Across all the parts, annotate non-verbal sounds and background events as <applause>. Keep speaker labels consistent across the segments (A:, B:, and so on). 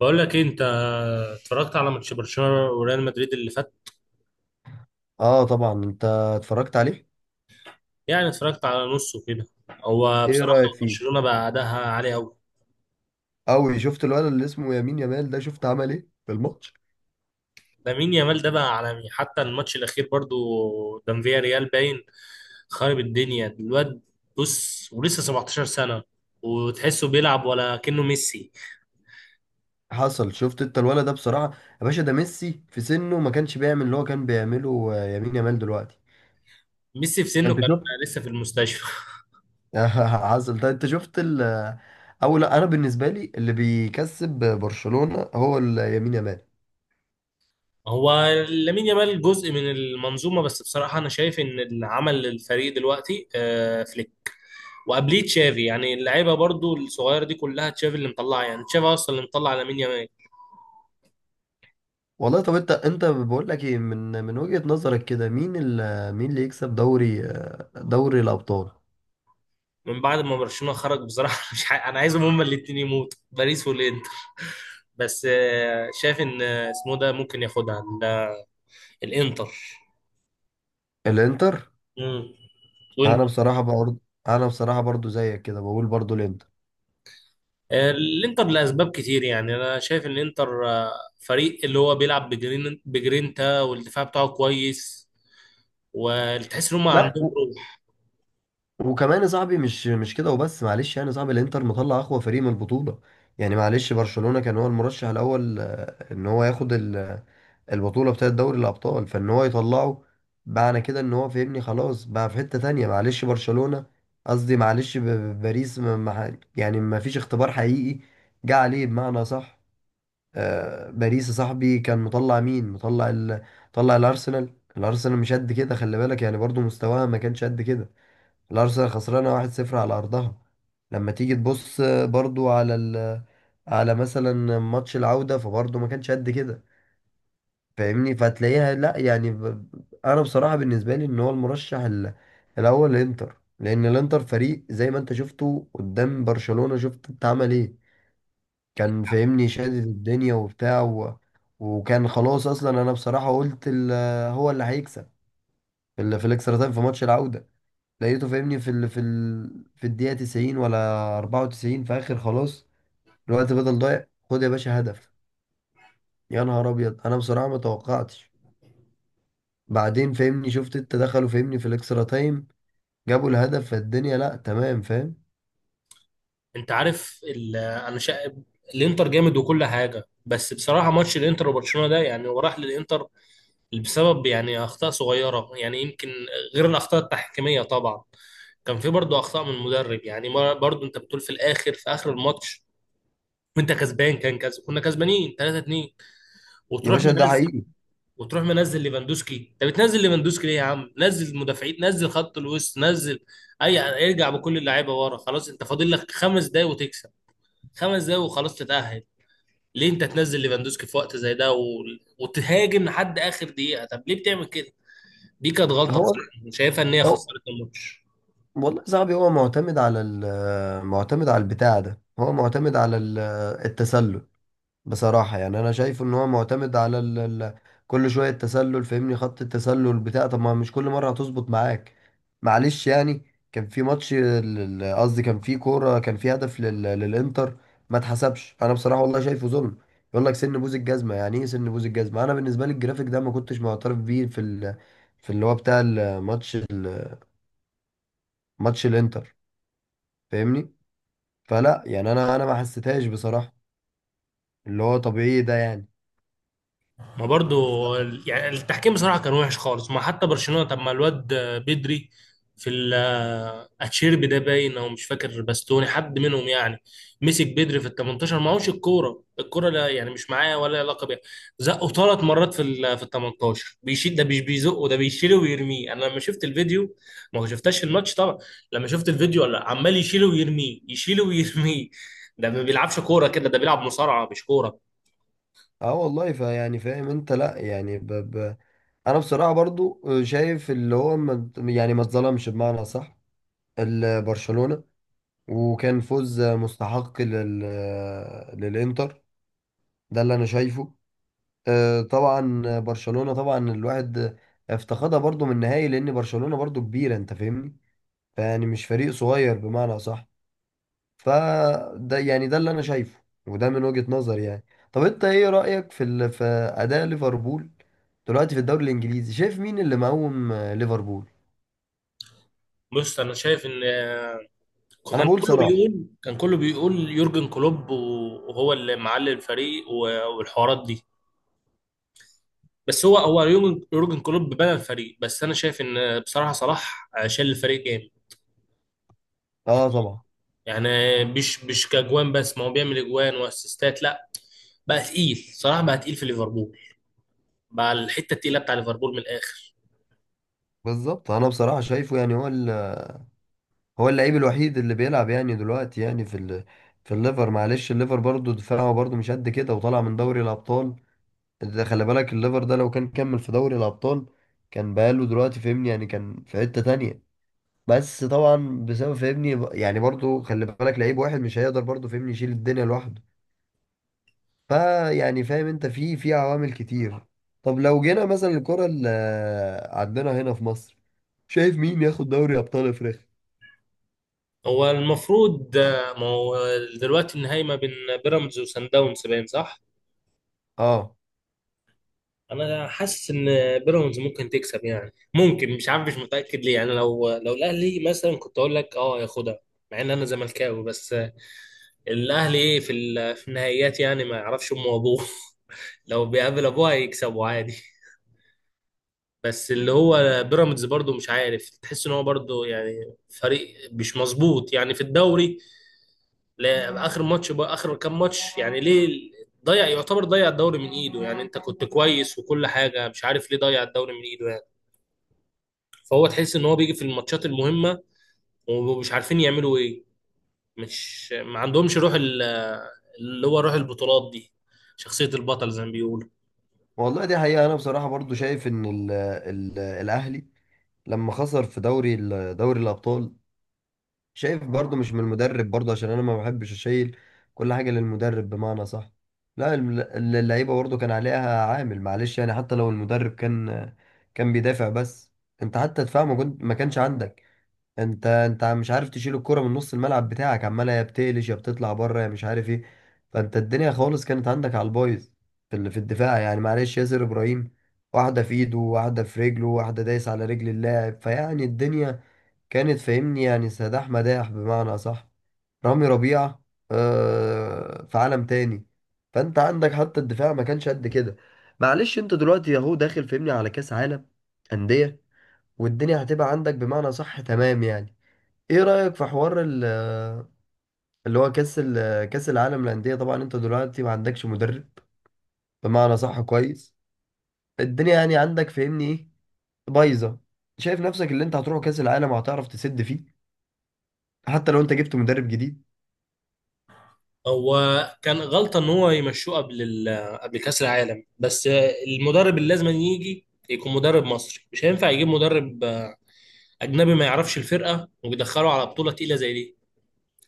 A: بقول لك إيه، انت اتفرجت على ماتش برشلونه وريال مدريد اللي فات.
B: اه، طبعا انت اتفرجت عليه.
A: يعني اتفرجت على نصه كده. هو
B: ايه
A: بصراحه
B: رأيك فيه؟
A: برشلونه بقى اداها عالي قوي.
B: قوي. شفت الولد اللي اسمه يمين يامال ده؟ شفت عمل ايه في الماتش؟
A: لامين يامال ده بقى عالمي حتى الماتش الاخير برضو، قدام فيا ريال باين، خارب الدنيا الواد. بص ولسه 17 سنه، وتحسه بيلعب ولا كأنه ميسي
B: حصل. شفت انت الولد ده بصراحة؟ يا باشا، ده ميسي في سنه ما كانش بيعمل اللي هو كان بيعمله يمين يامال دلوقتي.
A: ميسي في سنه
B: انت
A: كان
B: شفت؟
A: لسه في المستشفى.
B: <laughs> حصل ده. انت شفت ال آه، او لا، انا بالنسبة لي اللي بيكسب برشلونة هو يمين يامال.
A: هو لامين يامال جزء من المنظومه، بس بصراحه انا شايف ان اللي عمل الفريق دلوقتي فليك، وقبليه تشافي. يعني اللعيبه برضو الصغيره دي كلها تشافي اللي مطلعها، يعني تشافي اصلا اللي مطلع لامين يامال.
B: والله طب، انت بقول لك ايه، من وجهة نظرك كده، مين اللي يكسب دوري دوري الابطال؟
A: من بعد ما برشلونه خرج بصراحه <laughs> مش ح... انا عايزهم هما الاثنين يموتوا، باريس والانتر. <laughs> بس شايف ان اسمه ده ممكن ياخدها الانتر.
B: الانتر.
A: مم. وانت؟
B: انا بصراحه برضه، انا بصراحه برضه زيك كده بقول برضه الانتر.
A: الانتر لاسباب كتير، يعني انا شايف ان الانتر فريق اللي هو بيلعب بجرينتا، والدفاع بتاعه كويس، وتحس ان هم
B: لا.
A: عندهم.
B: وكمان يا صاحبي، مش كده وبس، معلش يعني يا صاحبي، الانتر مطلع اقوى فريق من البطوله. يعني معلش، برشلونه كان هو المرشح الاول ان هو ياخد البطوله بتاعه دوري الابطال، فان هو يطلعه، معنى كده ان هو، فهمني، خلاص بقى في حته تانية معلش برشلونه. قصدي معلش، باريس ما... ما... ح- يعني ما فيش اختبار حقيقي جه عليه بمعنى صح. باريس يا صاحبي، كان مطلع مين، مطلع مطلع الارسنال. الارسنال مش قد كده، خلي بالك، يعني برضو مستواها ما كانش قد كده. الارسنال خسرانه 1-0 على ارضها. لما تيجي تبص برضو على على مثلا ماتش العوده، فبرضو ما كانش قد كده، فاهمني. فتلاقيها لا يعني انا بصراحه بالنسبه لي ان هو المرشح الاول الانتر، لان الانتر فريق زي ما انت شفته قدام برشلونه، شفت انت عمل ايه. كان فاهمني شادد الدنيا وبتاع وكان خلاص، اصلا انا بصراحه قلت هو اللي هيكسب في الاكسترا تايم في ماتش العوده. لقيته فاهمني في الدقيقه 90 ولا 94، في اخر خلاص الوقت بدل ضايع، خد يا باشا هدف. يا نهار ابيض، انا بصراحه ما توقعتش. بعدين فاهمني شفت انت دخلوا فاهمني في الاكسترا تايم، جابوا الهدف فالدنيا. لا تمام فاهم.
A: انت عارف الانتر جامد وكل حاجه، بس بصراحه ماتش الانتر وبرشلونه ده يعني هو راح للانتر بسبب يعني اخطاء صغيره، يعني يمكن غير الاخطاء التحكيميه طبعا. كان في برضه اخطاء من المدرب، يعني برضه انت بتقول في الاخر، في اخر الماتش وانت كسبان، كان كسب كنا كسبانين 3-2،
B: يا
A: وتروح
B: باشا ده
A: منزل
B: حقيقي.
A: وتروح منزل ليفاندوسكي. انت بتنزل ليفاندوسكي ليه؟ يا عم، نزل المدافعين، نزل خط الوسط، نزل اي، ارجع بكل اللعيبه ورا، خلاص انت فاضل لك خمس دقايق وتكسب، خمس دقايق وخلاص تتأهل. ليه انت تنزل ليفاندوسكي في وقت زي ده وتهاجم لحد اخر دقيقه؟ طب ليه بتعمل كده؟ دي كانت غلطه
B: هو
A: بصراحه، شايفها ان هي
B: هو
A: خسرت الماتش.
B: والله صاحبي، هو معتمد على البتاع ده، هو معتمد على التسلل. بصراحة يعني أنا شايف إن هو معتمد على ال ال كل شوية التسلل، فاهمني، خط التسلل بتاع. طب ما مش كل مرة هتظبط معاك، معلش يعني. كان في ماتش قصدي كان في كورة، كان في هدف للإنتر، ما اتحسبش. أنا بصراحة والله شايفه ظلم. يقول لك سن بوز الجزمة، يعني إيه سن بوز الجزمة؟ أنا بالنسبة لي الجرافيك ده ما كنتش معترف بيه في في اللي هو بتاع الماتش، ماتش الإنتر، فاهمني. فلا يعني، انا ما حسيتهاش بصراحه، اللي هو طبيعي ده يعني.
A: ما برضو
B: ف-
A: يعني التحكيم بصراحة كان وحش خالص. ما حتى برشلونة، طب ما الواد بدري في ال- اتشيربي ده باين، او مش فاكر باستوني، حد منهم يعني، مسك بدري في ال 18 معهوش الكورة. الكورة لا يعني مش معاه ولا ليها علاقة بيها، زقه ثلاث مرات في ال 18. بيشيل، ده مش بيزقه، ده بيشيله ويرميه. انا لما شفت الفيديو، ما هو شفتش الماتش طبعا، لما شفت الفيديو لا عمال يشيله ويرميه، يشيله ويرميه. ده ما بيلعبش كورة كده، ده بيلعب مصارعة مش كورة.
B: اه والله، فيعني فاهم انت، لا يعني انا بصراحه برضو شايف اللي هو ما... يعني ما اتظلمش بمعنى صح برشلونه، وكان فوز مستحق للانتر. ده اللي انا شايفه. طبعا برشلونه، طبعا الواحد افتقدها برضو من النهائي، لان برشلونه برضو كبيره انت فاهمني، فيعني مش فريق صغير بمعنى صح. فده يعني، ده اللي انا شايفه، وده من وجهة نظري يعني. طب انت ايه رأيك في اداء ليفربول دلوقتي في الدوري الانجليزي؟ شايف مين اللي مقوم ليفربول؟
A: بص انا شايف ان
B: انا بقول صلاح.
A: كان كله بيقول يورجن كلوب وهو اللي معلي الفريق والحوارات دي. بس هو يورجن كلوب بنى الفريق، بس انا شايف ان بصراحه صلاح شال الفريق جامد.
B: اه طبعا.
A: يعني مش كاجوان بس، ما هو بيعمل اجوان واسيستات. لا، بقى تقيل، صلاح بقى تقيل في ليفربول، بقى الحته التقيله بتاع ليفربول من الاخر.
B: بالظبط. انا بصراحة شايفه يعني هو هو اللعيب الوحيد اللي بيلعب يعني دلوقتي، يعني في الليفر. معلش الليفر برضو دفاعه برضو مش قد كده، وطالع من دوري الابطال. ده خلي بالك، الليفر ده لو كان كمل في دوري الابطال كان بقاله دلوقتي، فهمني يعني، كان في حتة تانية. بس طبعا بسبب، فاهمني، يعني برضو خلي بالك لعيب واحد مش هيقدر برضو فاهمني يشيل الدنيا لوحده، فا يعني فاهم انت، في عوامل كتير. طب لو جينا مثلا الكرة اللي عندنا هنا في مصر، شايف مين ياخد دوري ابطال افريقيا؟
A: هو المفروض ما هو دلوقتي النهائي ما بين بيراميدز وسان داونز، باين، صح؟
B: اه
A: انا حاسس ان بيراميدز ممكن تكسب، يعني ممكن، مش عارف، مش متاكد ليه يعني. لو الاهلي مثلا كنت اقول لك اه ياخدها، مع ان انا زملكاوي. بس الاهلي ايه في النهائيات يعني، ما يعرفش امه وابوه <laughs> لو بيقابل ابوه هيكسبوا عادي. بس اللي هو بيراميدز برضو مش عارف، تحس ان هو برضو يعني فريق مش مظبوط يعني في الدوري. لا اخر ماتش، بقى اخر كام ماتش يعني، ليه ضيع، يعتبر ضيع الدوري من ايده يعني. انت كنت كويس وكل حاجه، مش عارف ليه ضيع الدوري من ايده يعني. فهو تحس ان هو بيجي في الماتشات المهمه، ومش عارفين يعملوا ايه. مش ما عندهمش روح اللي هو روح البطولات دي، شخصيه البطل زي ما بيقولوا.
B: والله دي حقيقة. انا بصراحة برضو شايف ان ال الاهلي لما خسر في دوري الابطال، شايف برضو مش من المدرب برضو، عشان انا ما بحبش اشيل كل حاجة للمدرب بمعنى صح. لا، اللعيبة برضو كان عليها عامل، معلش يعني. حتى لو المدرب كان بيدافع بس، انت حتى دفاع ما كانش عندك. انت مش عارف تشيل الكرة من نص الملعب بتاعك، عمالة يا بتقلش يا بتطلع بره يا مش عارف ايه. فانت الدنيا خالص كانت عندك على البايظ في الدفاع، يعني معلش، ياسر ابراهيم واحدة في ايده، واحدة في رجله، واحدة دايس على رجل اللاعب، فيعني الدنيا كانت فاهمني، يعني سداح مداح بمعنى أصح. رامي ربيعة في عالم تاني. فأنت عندك حتى الدفاع ما كانش قد كده. معلش أنت دلوقتي أهو داخل فاهمني على كأس عالم أندية، والدنيا هتبقى عندك بمعنى صح، تمام يعني. إيه رأيك في حوار اللي هو كأس العالم للأندية؟ طبعا أنت دلوقتي ما عندكش مدرب بمعنى صح، كويس. الدنيا يعني عندك فاهمني إيه؟ بايظة. شايف نفسك اللي أنت هتروح كأس العالم وهتعرف تسد فيه حتى لو أنت جبت مدرب جديد؟
A: هو كان غلطه ان هو يمشوه قبل كاس العالم بس. المدرب اللي لازم يجي يكون مدرب مصري، مش هينفع يجيب مدرب اجنبي ما يعرفش الفرقه ويدخله على بطوله تقيله زي دي.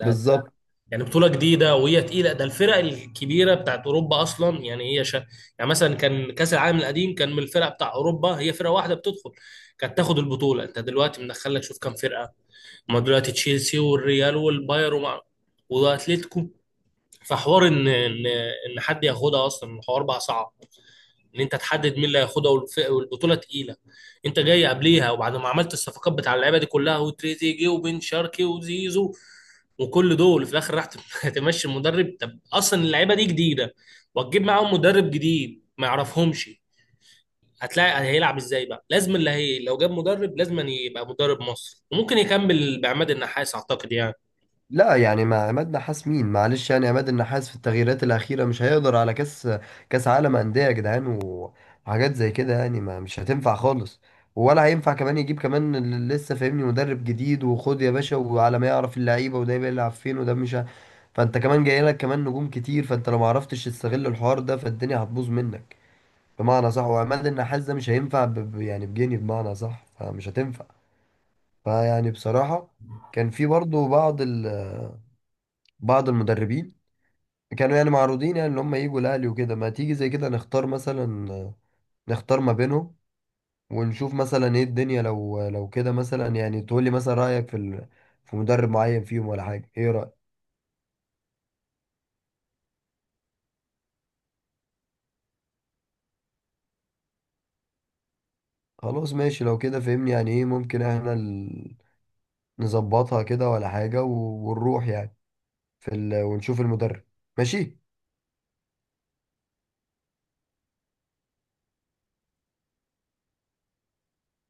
B: بالظبط.
A: يعني بطولة جديدة وهي تقيلة. ده الفرق الكبيرة بتاعت أوروبا أصلا يعني، يعني مثلا كان كأس العالم القديم كان من الفرق بتاع أوروبا هي فرقة واحدة بتدخل كانت تاخد البطولة. أنت دلوقتي مدخلك شوف كام فرقة، ما دلوقتي تشيلسي والريال والبايرن وأتليتيكو. فحوار إن حد ياخدها أصلا، الحوار بقى صعب ان انت تحدد مين اللي هياخدها، والبطوله تقيله. انت جاي قبليها وبعد ما عملت الصفقات بتاع اللعيبه دي كلها، وتريزيجيه وبن شرقي وزيزو وكل دول، في الاخر راح <laughs> تمشي المدرب. طب اصلا اللعيبه دي جديده وتجيب معاهم مدرب جديد ما يعرفهمش، هتلاقي هيلعب ازاي؟ بقى لازم اللي هي لو جاب مدرب لازم أن يبقى مدرب مصر، وممكن يكمل بعماد النحاس اعتقد يعني.
B: لا يعني، مع عماد نحاس مين، معلش يعني. عماد النحاس في التغييرات الأخيرة مش هيقدر على كأس عالم أندية يا جدعان، وحاجات زي كده يعني، ما مش هتنفع خالص. ولا هينفع كمان يجيب كمان لسه فاهمني مدرب جديد، وخد يا باشا وعلى ما يعرف اللعيبة وده بيلعب فين وده مش فأنت كمان جاي لك كمان نجوم كتير، فأنت لو ما عرفتش تستغل الحوار ده فالدنيا هتبوظ منك بمعنى صح. وعماد النحاس ده مش هينفع يعني بجنيه بمعنى صح، فمش هتنفع. فيعني بصراحة، كان في برضه بعض بعض المدربين كانوا يعني معروضين، يعني ان هم يجوا الاهلي وكده. ما تيجي زي كده نختار مثلا، نختار ما بينهم ونشوف مثلا ايه الدنيا. لو كده مثلا يعني تقول لي مثلا رايك في مدرب معين فيهم ولا حاجه. ايه رايك؟ خلاص ماشي، لو كده فهمني يعني ايه، ممكن احنا نظبطها كده ولا حاجه ونروح يعني ونشوف المدرب، ماشي.